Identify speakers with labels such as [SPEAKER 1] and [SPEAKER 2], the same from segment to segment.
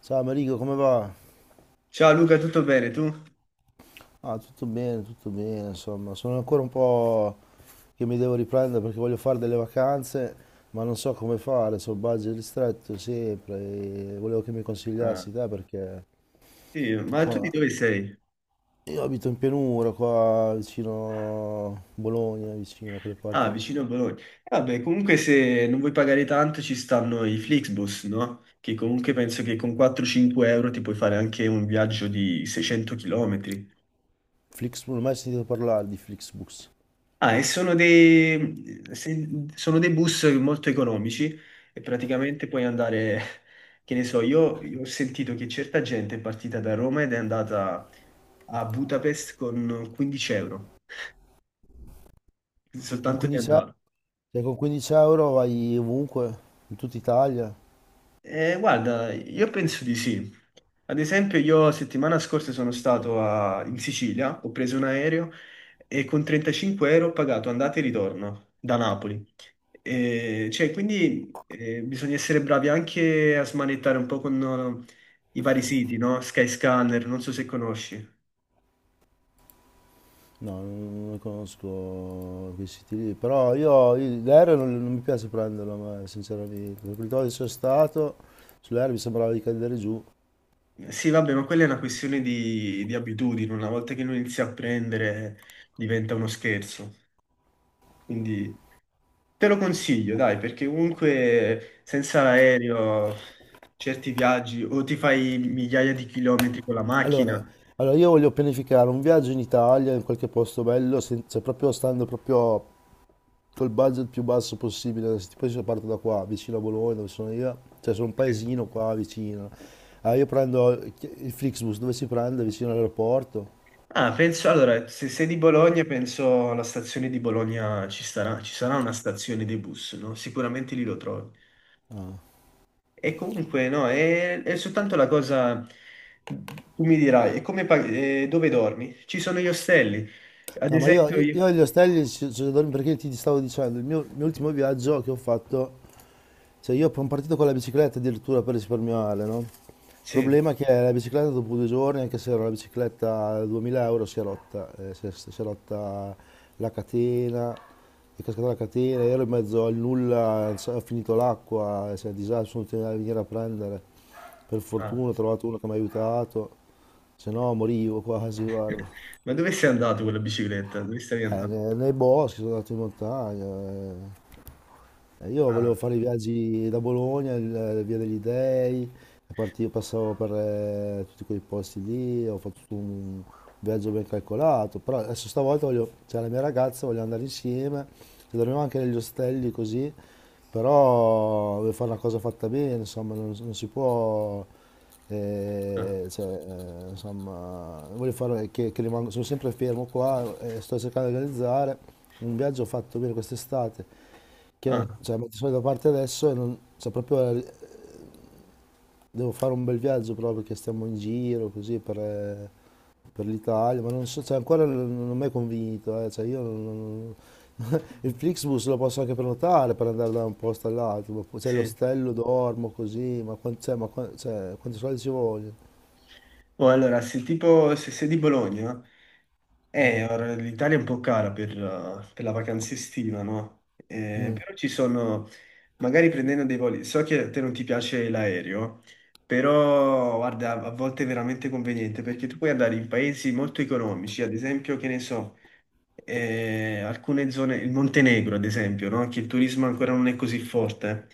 [SPEAKER 1] Ciao Marico, come va?
[SPEAKER 2] Ciao Luca, tutto bene tu?
[SPEAKER 1] Ah, tutto bene, insomma, sono ancora un po' che mi devo riprendere perché voglio fare delle vacanze, ma non so come fare, so budget ristretto sempre e volevo che mi
[SPEAKER 2] Ah,
[SPEAKER 1] consigliassi te perché,
[SPEAKER 2] sì, ma tu di
[SPEAKER 1] insomma,
[SPEAKER 2] dove sei?
[SPEAKER 1] io abito in pianura qua vicino Bologna, vicino a quelle
[SPEAKER 2] Ah,
[SPEAKER 1] parti di.
[SPEAKER 2] vicino a Bologna. Vabbè, comunque se non vuoi pagare tanto ci stanno i Flixbus, no? Che comunque penso che con 4-5 € ti puoi fare anche un viaggio di 600 km.
[SPEAKER 1] Flixbus, non ho mai sentito parlare di Flixbus.
[SPEAKER 2] Ah, e sono dei, se- sono dei bus molto economici e praticamente puoi andare, che ne so, io ho sentito che certa gente è partita da Roma ed è andata a Budapest con 15 euro,
[SPEAKER 1] Con
[SPEAKER 2] soltanto di
[SPEAKER 1] 15 euro,
[SPEAKER 2] andata.
[SPEAKER 1] cioè con 15 euro vai ovunque, in tutta Italia.
[SPEAKER 2] Guarda, io penso di sì. Ad esempio, io settimana scorsa sono stato in Sicilia, ho preso un aereo e con 35 € ho pagato andata e ritorno da Napoli. Cioè, quindi bisogna essere bravi anche a smanettare un po' con i vari siti, no? Skyscanner, non so se conosci.
[SPEAKER 1] No, non conosco questi stili, lì, però io l'aereo non mi piace prenderlo, a me, sinceramente. Perché quando sono stato sull'aereo mi sembrava di cadere giù.
[SPEAKER 2] Sì, vabbè, ma quella è una questione di abitudini. Una volta che lo inizi a prendere, diventa uno scherzo. Quindi. Te lo consiglio, dai, perché comunque senza l'aereo certi viaggi o ti fai migliaia di chilometri con la
[SPEAKER 1] Allora,
[SPEAKER 2] macchina.
[SPEAKER 1] allora, io voglio pianificare un viaggio in Italia, in qualche posto bello, cioè proprio stando proprio col budget più basso possibile. Se tipo io parto da qua, vicino a Bologna, dove sono io, cioè sono un paesino qua vicino. Ah, io prendo il Flixbus, dove si prende? Vicino all'aeroporto.
[SPEAKER 2] Ah, penso, allora, se sei di Bologna, penso alla stazione di Bologna ci sarà una stazione dei bus, no? Sicuramente lì lo trovi. E comunque, no, è soltanto la cosa, tu mi dirai, e dove dormi? Ci sono gli ostelli. Ad
[SPEAKER 1] No, ma io,
[SPEAKER 2] esempio
[SPEAKER 1] io-
[SPEAKER 2] io...
[SPEAKER 1] io agli ostelli ci dormo perché ti stavo dicendo, il mio ultimo viaggio che ho fatto, cioè io sono partito con la bicicletta addirittura per risparmiare, no? Il
[SPEAKER 2] Sì,
[SPEAKER 1] problema è che la bicicletta dopo 2 giorni, anche se era una bicicletta da 2000 euro, si è rotta, si è rotta la catena, è cascata la catena, ero in mezzo al nulla, non so, ho finito l'acqua, cioè, disastro, sono tenuto a venire a prendere. Per fortuna ho
[SPEAKER 2] ah.
[SPEAKER 1] trovato uno che mi ha aiutato, se no morivo quasi, guarda.
[SPEAKER 2] Ma dove sei andato con la bicicletta? Dove stavi andando?
[SPEAKER 1] Nei boschi, sono andato in montagna. Io volevo
[SPEAKER 2] Ah.
[SPEAKER 1] fare i viaggi da Bologna, Via degli Dei, e partivo, passavo per tutti quei posti lì, ho fatto tutto un viaggio ben calcolato, però adesso stavolta voglio, c'è la mia ragazza, voglio andare insieme, e dormiamo anche negli ostelli così, però voglio fare una cosa fatta bene, insomma, non si può,
[SPEAKER 2] No.
[SPEAKER 1] eh, cioè, insomma, voglio fare che, rimango, sono sempre fermo qua, e sto cercando di organizzare un viaggio fatto bene quest'estate che
[SPEAKER 2] Ah,
[SPEAKER 1] cioè, metto i soldi da parte adesso e non, cioè, proprio devo fare un bel viaggio proprio perché stiamo in giro così per l'Italia, ma non so, cioè, ancora non mi è convinto, cioè, io il Flixbus lo posso anche prenotare per andare da un posto all'altro, ma poi, cioè,
[SPEAKER 2] sì.
[SPEAKER 1] l'ostello dormo così, ma, cioè, quanti soldi ci vogliono?
[SPEAKER 2] Oh, allora, se tipo se sei di Bologna, ora l'Italia è un po' cara per la vacanza estiva, no?
[SPEAKER 1] Mm.
[SPEAKER 2] Però ci sono, magari prendendo dei voli, so che a te non ti piace l'aereo, però guarda, a volte è veramente conveniente perché tu puoi andare in paesi molto economici, ad esempio, che ne so, alcune zone, il Montenegro, ad esempio, no? Che il turismo ancora non è così forte.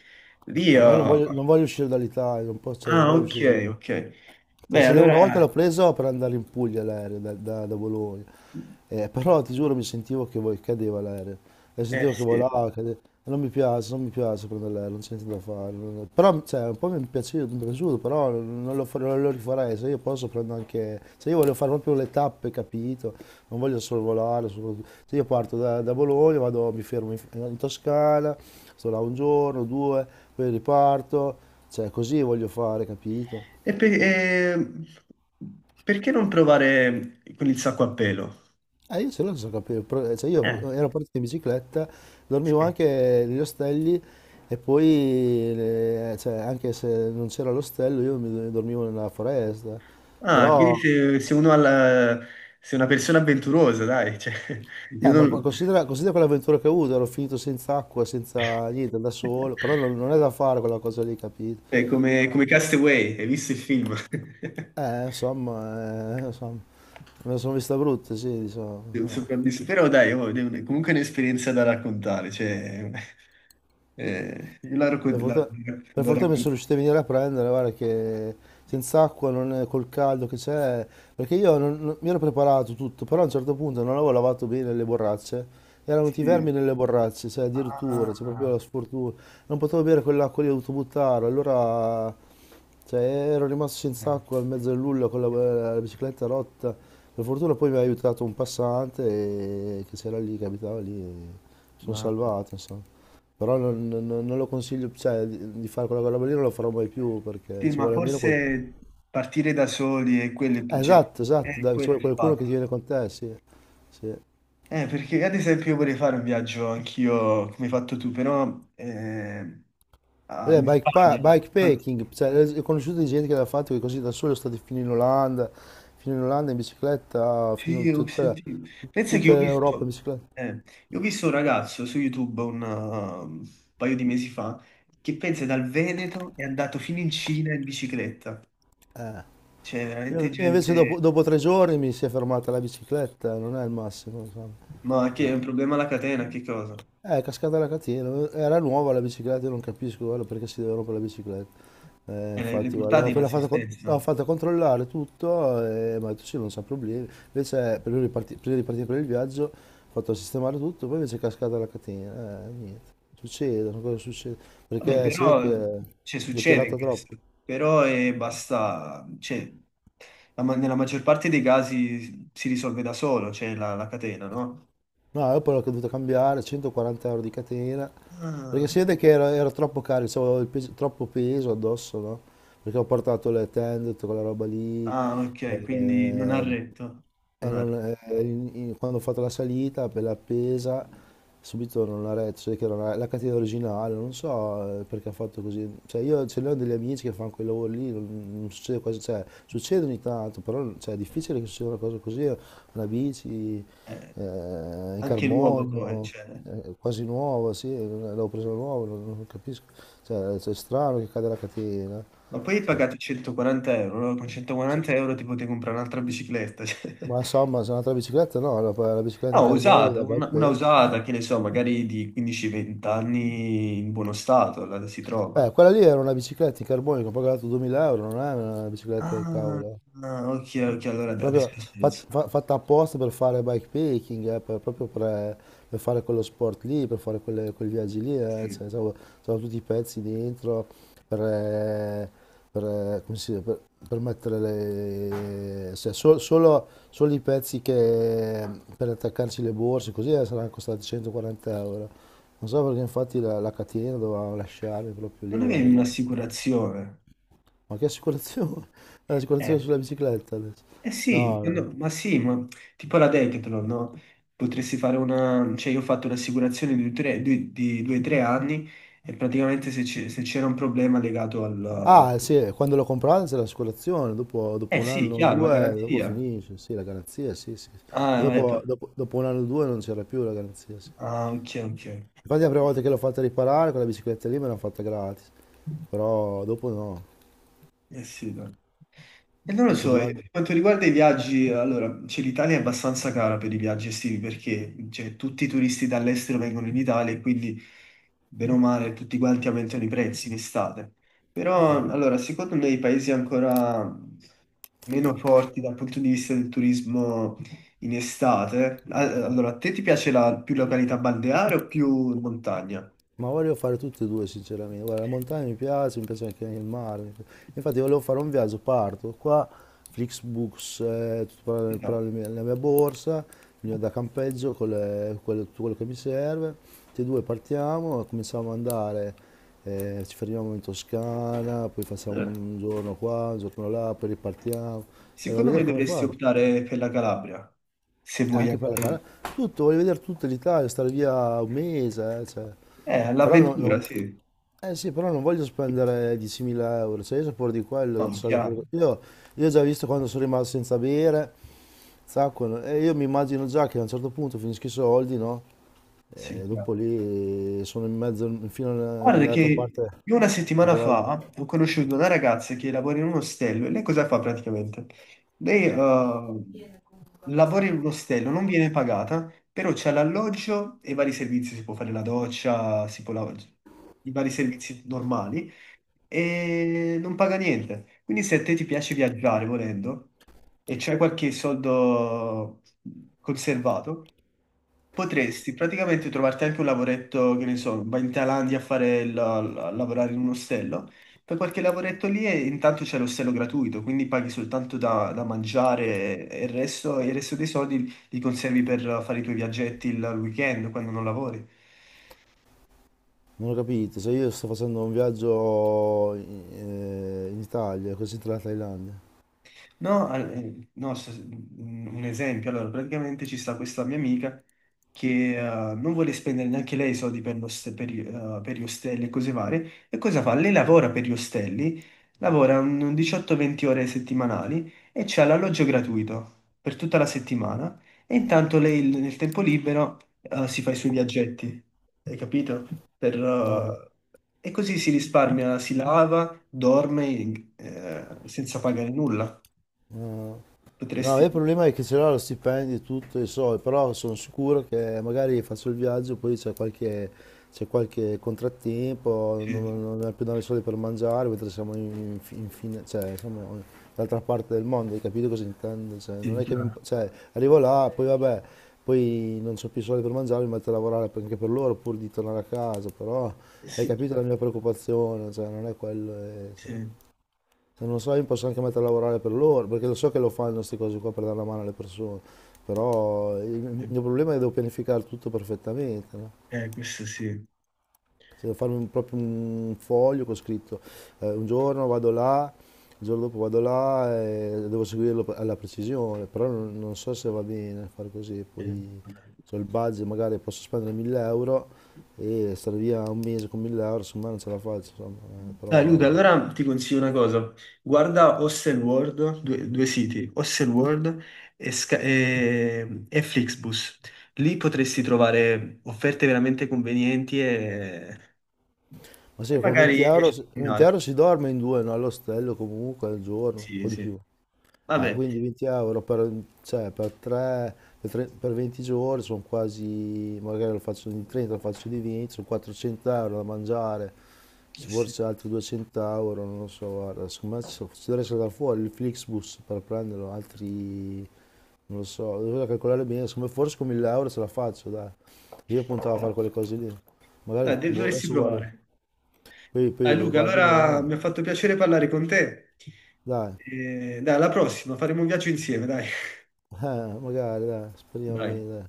[SPEAKER 2] Lì,
[SPEAKER 1] Ah, ma io non voglio, non voglio uscire dall'Italia, non posso, non voglio
[SPEAKER 2] ok,
[SPEAKER 1] uscire.
[SPEAKER 2] ok.
[SPEAKER 1] Cioè,
[SPEAKER 2] Beh,
[SPEAKER 1] una volta l'ho
[SPEAKER 2] allora.
[SPEAKER 1] preso per andare in Puglia l'aereo da, da Bologna, però ti giuro mi sentivo che voi cadeva l'aereo, e sentivo
[SPEAKER 2] Eh
[SPEAKER 1] che
[SPEAKER 2] sì.
[SPEAKER 1] volava, cadeva. Non mi piace, non mi piace prendere l'aereo, non c'è niente da fare. Però cioè, un po' mi è piaciuto, però non lo, non lo rifarei, se io posso prendo anche... Se io voglio fare proprio le tappe, capito? Non voglio solo volare, se io parto da, Bologna, vado, mi fermo in, Toscana, sto là un giorno, due, poi riparto, cioè così voglio fare, capito?
[SPEAKER 2] E per- eh, Perché non provare con il sacco a pelo?
[SPEAKER 1] Io ce l'ho senza capire, però, cioè
[SPEAKER 2] Eh,
[SPEAKER 1] io ero partito in bicicletta, dormivo
[SPEAKER 2] sì.
[SPEAKER 1] anche negli ostelli e poi, cioè, anche se non c'era l'ostello, io mi dormivo nella foresta.
[SPEAKER 2] Ah, quindi
[SPEAKER 1] Però,
[SPEAKER 2] se uno ha se è una persona avventurosa, dai, cioè, io
[SPEAKER 1] ma
[SPEAKER 2] non-
[SPEAKER 1] considera, considera quell'avventura che ho avuto, ero finito senza acqua, senza niente, da solo, però non è da fare quella cosa lì, capito?
[SPEAKER 2] è come, come Castaway, hai visto il film?
[SPEAKER 1] Insomma, me la sono vista brutta, sì, diciamo.
[SPEAKER 2] È un
[SPEAKER 1] eh.
[SPEAKER 2] sopravvissuto. Però dai, oh, comunque è un'esperienza da raccontare, cioè, io la, racco-
[SPEAKER 1] Per
[SPEAKER 2] la-
[SPEAKER 1] fortuna, per
[SPEAKER 2] la
[SPEAKER 1] fortuna mi
[SPEAKER 2] racconto...
[SPEAKER 1] sono riuscito a venire a prendere, guarda che senza acqua, non è- col caldo che c'è, perché io mi ero preparato tutto, però a un certo punto non avevo lavato bene le borracce, erano venuti i
[SPEAKER 2] Sì.
[SPEAKER 1] vermi nelle borracce, cioè addirittura, cioè proprio
[SPEAKER 2] Ah,
[SPEAKER 1] la sfortuna, non potevo bere quell'acqua lì, ho dovuto buttare, allora cioè, ero rimasto senza
[SPEAKER 2] eh,
[SPEAKER 1] acqua in mezzo al nulla con la, la bicicletta rotta, per fortuna poi mi ha aiutato un passante che c'era lì, che abitava lì, e mi sono
[SPEAKER 2] mamma.
[SPEAKER 1] salvato, insomma. Però non, non lo consiglio, cioè, di fare quella roba lì non lo farò mai più perché
[SPEAKER 2] Sì,
[SPEAKER 1] ci
[SPEAKER 2] ma
[SPEAKER 1] vuole almeno qualcuno.
[SPEAKER 2] forse partire da soli è quello, cioè,
[SPEAKER 1] Esatto, esatto,
[SPEAKER 2] è
[SPEAKER 1] dai, ci
[SPEAKER 2] quello
[SPEAKER 1] vuole
[SPEAKER 2] il
[SPEAKER 1] qualcuno che ti
[SPEAKER 2] fatto.
[SPEAKER 1] viene con te, sì. Sì.
[SPEAKER 2] Perché ad esempio vorrei fare un viaggio anch'io, come hai fatto tu, però
[SPEAKER 1] Beh,
[SPEAKER 2] in Spagna. Tanti-
[SPEAKER 1] bikepacking, cioè, ho conosciuto di gente che l'ha fatto che così da solo è stati fino in Olanda in bicicletta, fino
[SPEAKER 2] Sì,
[SPEAKER 1] in
[SPEAKER 2] ho
[SPEAKER 1] tutta,
[SPEAKER 2] sentito. Pensa che
[SPEAKER 1] tutta l'Europa in bicicletta.
[SPEAKER 2] eh, io ho visto un ragazzo su YouTube un paio di mesi fa che pensa dal Veneto è andato fino in Cina in bicicletta. C'è veramente
[SPEAKER 1] Io invece dopo,
[SPEAKER 2] gente...
[SPEAKER 1] dopo 3 giorni mi si è fermata la bicicletta, non è il massimo, insomma.
[SPEAKER 2] Ma che è un problema alla catena, che cosa?
[SPEAKER 1] Cascata la catena, era nuova la bicicletta, io non capisco guarda, perché si deve rompere la bicicletta.
[SPEAKER 2] Le
[SPEAKER 1] Infatti, guarda, l'ho
[SPEAKER 2] portate in
[SPEAKER 1] appena fatta, l'ho
[SPEAKER 2] assistenza.
[SPEAKER 1] fatta controllare tutto e mi ha detto sì, non c'ha problemi. Invece, prima di, prima di partire per il viaggio, ho fatto sistemare tutto, poi invece è cascata la catena. Niente, succede, sono cose che succede,
[SPEAKER 2] Vabbè,
[SPEAKER 1] perché si vede che
[SPEAKER 2] però cioè,
[SPEAKER 1] l'ho
[SPEAKER 2] succede
[SPEAKER 1] tirata troppo.
[SPEAKER 2] questo, però è basta, cioè, nella maggior parte dei casi si risolve da solo, cioè la catena, no?
[SPEAKER 1] No, io poi l'ho dovuto cambiare, 140 euro di catena. Perché
[SPEAKER 2] Ah,
[SPEAKER 1] si vede che era, era troppo carico, cioè, avevo troppo peso addosso, no? Perché ho portato le tende, tutta quella roba lì.
[SPEAKER 2] ah, ok, quindi non ha
[SPEAKER 1] eh,
[SPEAKER 2] retto, non ha retto.
[SPEAKER 1] quando ho fatto la salita per l'appesa, subito non la retto, cioè che era la, la catena originale, non so perché ha fatto così. Cioè io ce ne ho degli amici che fanno quel lavoro lì, non, non succede quasi, cioè succede ogni tanto, però cioè, è difficile che succeda una cosa così, una bici
[SPEAKER 2] Eh,
[SPEAKER 1] eh, in
[SPEAKER 2] anche l'uovo poi,
[SPEAKER 1] carbonio,
[SPEAKER 2] cioè.
[SPEAKER 1] quasi nuova, sì, l'avevo presa nuova, non capisco. Cioè, cioè, è strano che cade la catena.
[SPEAKER 2] Ma poi hai
[SPEAKER 1] cioè,
[SPEAKER 2] pagato 140 euro, no? Con
[SPEAKER 1] sì.
[SPEAKER 2] 140 € ti potevi comprare un'altra bicicletta, cioè.
[SPEAKER 1] Ma insomma, se è un'altra bicicletta, no, la, la bicicletta in
[SPEAKER 2] No,
[SPEAKER 1] carbonio
[SPEAKER 2] usata,
[SPEAKER 1] da
[SPEAKER 2] una,
[SPEAKER 1] bike
[SPEAKER 2] una
[SPEAKER 1] pack.
[SPEAKER 2] usata, che ne so, magari di 15-20 anni in buono stato, la si trova.
[SPEAKER 1] Quella lì era una bicicletta in carbonio che ho pagato 2000 euro, non è una bicicletta del
[SPEAKER 2] Ah,
[SPEAKER 1] cavolo.
[SPEAKER 2] ah, ok, ok, allora adesso
[SPEAKER 1] Proprio
[SPEAKER 2] ha senso.
[SPEAKER 1] fatta apposta per fare bikepacking, proprio per fare quello sport lì, per fare quei viaggi lì.
[SPEAKER 2] Sì.
[SPEAKER 1] C'avevo tutti i pezzi dentro per, eh, per, come si dice, per mettere le, cioè, solo, solo i pezzi che, per attaccarci le borse, così saranno costati 140 euro. Non so perché infatti la, la catena dovevamo lasciarmi proprio lì,
[SPEAKER 2] Non avevi
[SPEAKER 1] guarda.
[SPEAKER 2] un'assicurazione?
[SPEAKER 1] Ma che assicurazione?
[SPEAKER 2] Eh,
[SPEAKER 1] L'assicurazione sulla bicicletta adesso.
[SPEAKER 2] eh sì,
[SPEAKER 1] No, no.
[SPEAKER 2] no, ma sì, ma tipo la Decathlon, no? Potresti fare una. Cioè io ho fatto un'assicurazione di 2 o 3 anni e praticamente se c'era un problema legato al.
[SPEAKER 1] Ah, sì, quando l'ho comprata c'è l'assicurazione, dopo,
[SPEAKER 2] Eh
[SPEAKER 1] dopo un
[SPEAKER 2] sì,
[SPEAKER 1] anno o
[SPEAKER 2] chiaro, la
[SPEAKER 1] due, dopo
[SPEAKER 2] garanzia.
[SPEAKER 1] finisce, sì, la garanzia, sì, sì. Sì. Ma
[SPEAKER 2] Ah,
[SPEAKER 1] dopo,
[SPEAKER 2] ecco.
[SPEAKER 1] dopo un anno o due non c'era più la garanzia, sì.
[SPEAKER 2] Ah, ok,
[SPEAKER 1] Infatti la prima volta che l'ho fatta riparare, quella bicicletta lì me l'hanno fatta gratis,
[SPEAKER 2] ok.
[SPEAKER 1] però dopo no,
[SPEAKER 2] Eh sì, dai. E non lo
[SPEAKER 1] dopo
[SPEAKER 2] so,
[SPEAKER 1] due
[SPEAKER 2] e
[SPEAKER 1] anni.
[SPEAKER 2] per quanto riguarda i viaggi, allora, cioè, l'Italia è abbastanza cara per i viaggi estivi perché cioè, tutti i turisti dall'estero vengono in Italia e quindi, bene o male, tutti quanti aumentano i prezzi in estate. Però, allora, secondo me i paesi ancora meno forti dal punto di vista del turismo in estate, allora, a te ti piace più località balneare o più montagna?
[SPEAKER 1] Ma volevo fare tutte e due, sinceramente. Guarda, la montagna mi piace anche il mare. Infatti volevo fare un viaggio, parto qua, Flixbus, tutto per
[SPEAKER 2] No.
[SPEAKER 1] la mia borsa, il mio da campeggio, con quello, tutto quello che mi serve. Tutti e due partiamo, cominciamo ad andare, ci fermiamo in Toscana, poi facciamo
[SPEAKER 2] Eh.
[SPEAKER 1] un giorno qua, un giorno là, poi ripartiamo. A
[SPEAKER 2] Secondo me
[SPEAKER 1] vedere come
[SPEAKER 2] dovresti
[SPEAKER 1] fare.
[SPEAKER 2] optare per la Calabria, se
[SPEAKER 1] E
[SPEAKER 2] vuoi
[SPEAKER 1] anche per la
[SPEAKER 2] andare...
[SPEAKER 1] cara. Tutto, voglio vedere tutta l'Italia, stare via un mese, Però no,
[SPEAKER 2] All'avventura, sì.
[SPEAKER 1] eh sì, però non voglio spendere 10.000 euro, cioè io sapore di quello,
[SPEAKER 2] No,
[SPEAKER 1] non ce l'ho
[SPEAKER 2] chiaro,
[SPEAKER 1] fuori. Io ho già visto quando sono rimasto senza bere, zacco, e io mi immagino già che a un certo punto finisco i soldi, no?
[SPEAKER 2] sì,
[SPEAKER 1] E dopo
[SPEAKER 2] chiaro.
[SPEAKER 1] lì sono in mezzo, fino
[SPEAKER 2] Guarda
[SPEAKER 1] all'altra parte.
[SPEAKER 2] che io una settimana
[SPEAKER 1] del-
[SPEAKER 2] fa ho conosciuto una ragazza che lavora in un ostello e lei cosa fa praticamente? Lei lavora in un ostello, non viene pagata, però c'è l'alloggio e vari servizi, si può fare la doccia, si può lavare, i vari servizi normali. E non paga niente. Quindi se a te ti piace viaggiare volendo e c'hai qualche soldo conservato, potresti praticamente trovarti anche un lavoretto, che ne so, vai in Thailandia a fare a lavorare in un ostello. Fai qualche lavoretto lì e intanto c'è l'ostello gratuito, quindi paghi soltanto da mangiare e il resto dei soldi li conservi per fare i tuoi viaggetti il weekend quando non lavori.
[SPEAKER 1] Non ho capito, se io sto facendo un viaggio in, in Italia, così tra la Thailandia.
[SPEAKER 2] No, no, un esempio, allora praticamente ci sta questa mia amica che non vuole spendere neanche lei soldi per, per, per gli ostelli e cose varie, e cosa fa? Lei lavora per gli ostelli, lavora un 18-20 ore settimanali e c'ha l'alloggio gratuito per tutta la settimana e intanto lei nel tempo libero si fa i suoi viaggetti, hai capito? Per,
[SPEAKER 1] No,
[SPEAKER 2] eh, e così si risparmia, si lava, dorme senza pagare nulla.
[SPEAKER 1] no. No. No, il
[SPEAKER 2] Potresti.
[SPEAKER 1] problema è che ce l'ho lo stipendio e tutto, e so, però sono sicuro che magari faccio il viaggio, poi c'è qualche contrattempo,
[SPEAKER 2] Sì,
[SPEAKER 1] non abbiamo più dare i soldi per mangiare, mentre siamo in, fine, cioè, siamo dall'altra parte del mondo, hai capito cosa intendo? Cioè,
[SPEAKER 2] sì,
[SPEAKER 1] non è che
[SPEAKER 2] chiaro.
[SPEAKER 1] cioè, arrivo là, poi vabbè, poi non ho più soldi per mangiare, mi metto a lavorare anche per loro, pur di tornare a casa, però
[SPEAKER 2] Eh
[SPEAKER 1] hai
[SPEAKER 2] sì,
[SPEAKER 1] capito la mia preoccupazione, cioè, non è quello.
[SPEAKER 2] sì,
[SPEAKER 1] Se non so, io mi posso anche mettere a lavorare per loro, perché lo so che lo fanno queste cose qua per dare la mano alle persone, però il
[SPEAKER 2] sì.
[SPEAKER 1] mio problema è che devo pianificare tutto perfettamente, no?
[SPEAKER 2] Questo sì.
[SPEAKER 1] Cioè, devo farmi proprio un foglio con scritto, un giorno vado là, il giorno dopo vado là e devo seguirlo alla precisione, però non so se va bene fare così, poi
[SPEAKER 2] Vabbè.
[SPEAKER 1] ho il budget, magari posso spendere 1000 euro e stare via un mese con 1000 euro, insomma non ce la faccio, insomma,
[SPEAKER 2] Dai, Luca,
[SPEAKER 1] però
[SPEAKER 2] allora ti consiglio una cosa. Guarda Hostelworld, due, due siti, Hostelworld e, e Flixbus. Lì potresti trovare offerte veramente convenienti e,
[SPEAKER 1] Ma
[SPEAKER 2] e
[SPEAKER 1] sì, con 20
[SPEAKER 2] magari
[SPEAKER 1] euro,
[SPEAKER 2] riesci a
[SPEAKER 1] con 20
[SPEAKER 2] combinare.
[SPEAKER 1] euro si dorme in due, no? All'ostello comunque al giorno,
[SPEAKER 2] Sì,
[SPEAKER 1] o di
[SPEAKER 2] sì.
[SPEAKER 1] più.
[SPEAKER 2] Vabbè.
[SPEAKER 1] Quindi 20 euro per, cioè, per, per 20 giorni sono quasi, magari lo faccio di 30, lo faccio di 20, sono 400 euro da mangiare,
[SPEAKER 2] Eh
[SPEAKER 1] ci
[SPEAKER 2] sì.
[SPEAKER 1] forse altri 200 euro, non lo so, guarda, secondo me ci dovrei saltare fuori il Flixbus per prenderlo, altri, non lo so, dovrei calcolare bene, secondo me forse con 1000 euro ce la faccio, dai. Io puntavo a
[SPEAKER 2] Eh.
[SPEAKER 1] fare quelle cose lì, magari,
[SPEAKER 2] Dai,
[SPEAKER 1] boh,
[SPEAKER 2] dovresti
[SPEAKER 1] adesso guardo.
[SPEAKER 2] provare.
[SPEAKER 1] Poi,
[SPEAKER 2] Dai
[SPEAKER 1] poi
[SPEAKER 2] Luca,
[SPEAKER 1] guardo
[SPEAKER 2] allora
[SPEAKER 1] bene,
[SPEAKER 2] mi ha fatto piacere parlare con te.
[SPEAKER 1] dai,
[SPEAKER 2] E, dai, alla prossima, faremo un viaggio insieme, dai.
[SPEAKER 1] magari, dai, speriamo
[SPEAKER 2] Dai.
[SPEAKER 1] bene, dai. No,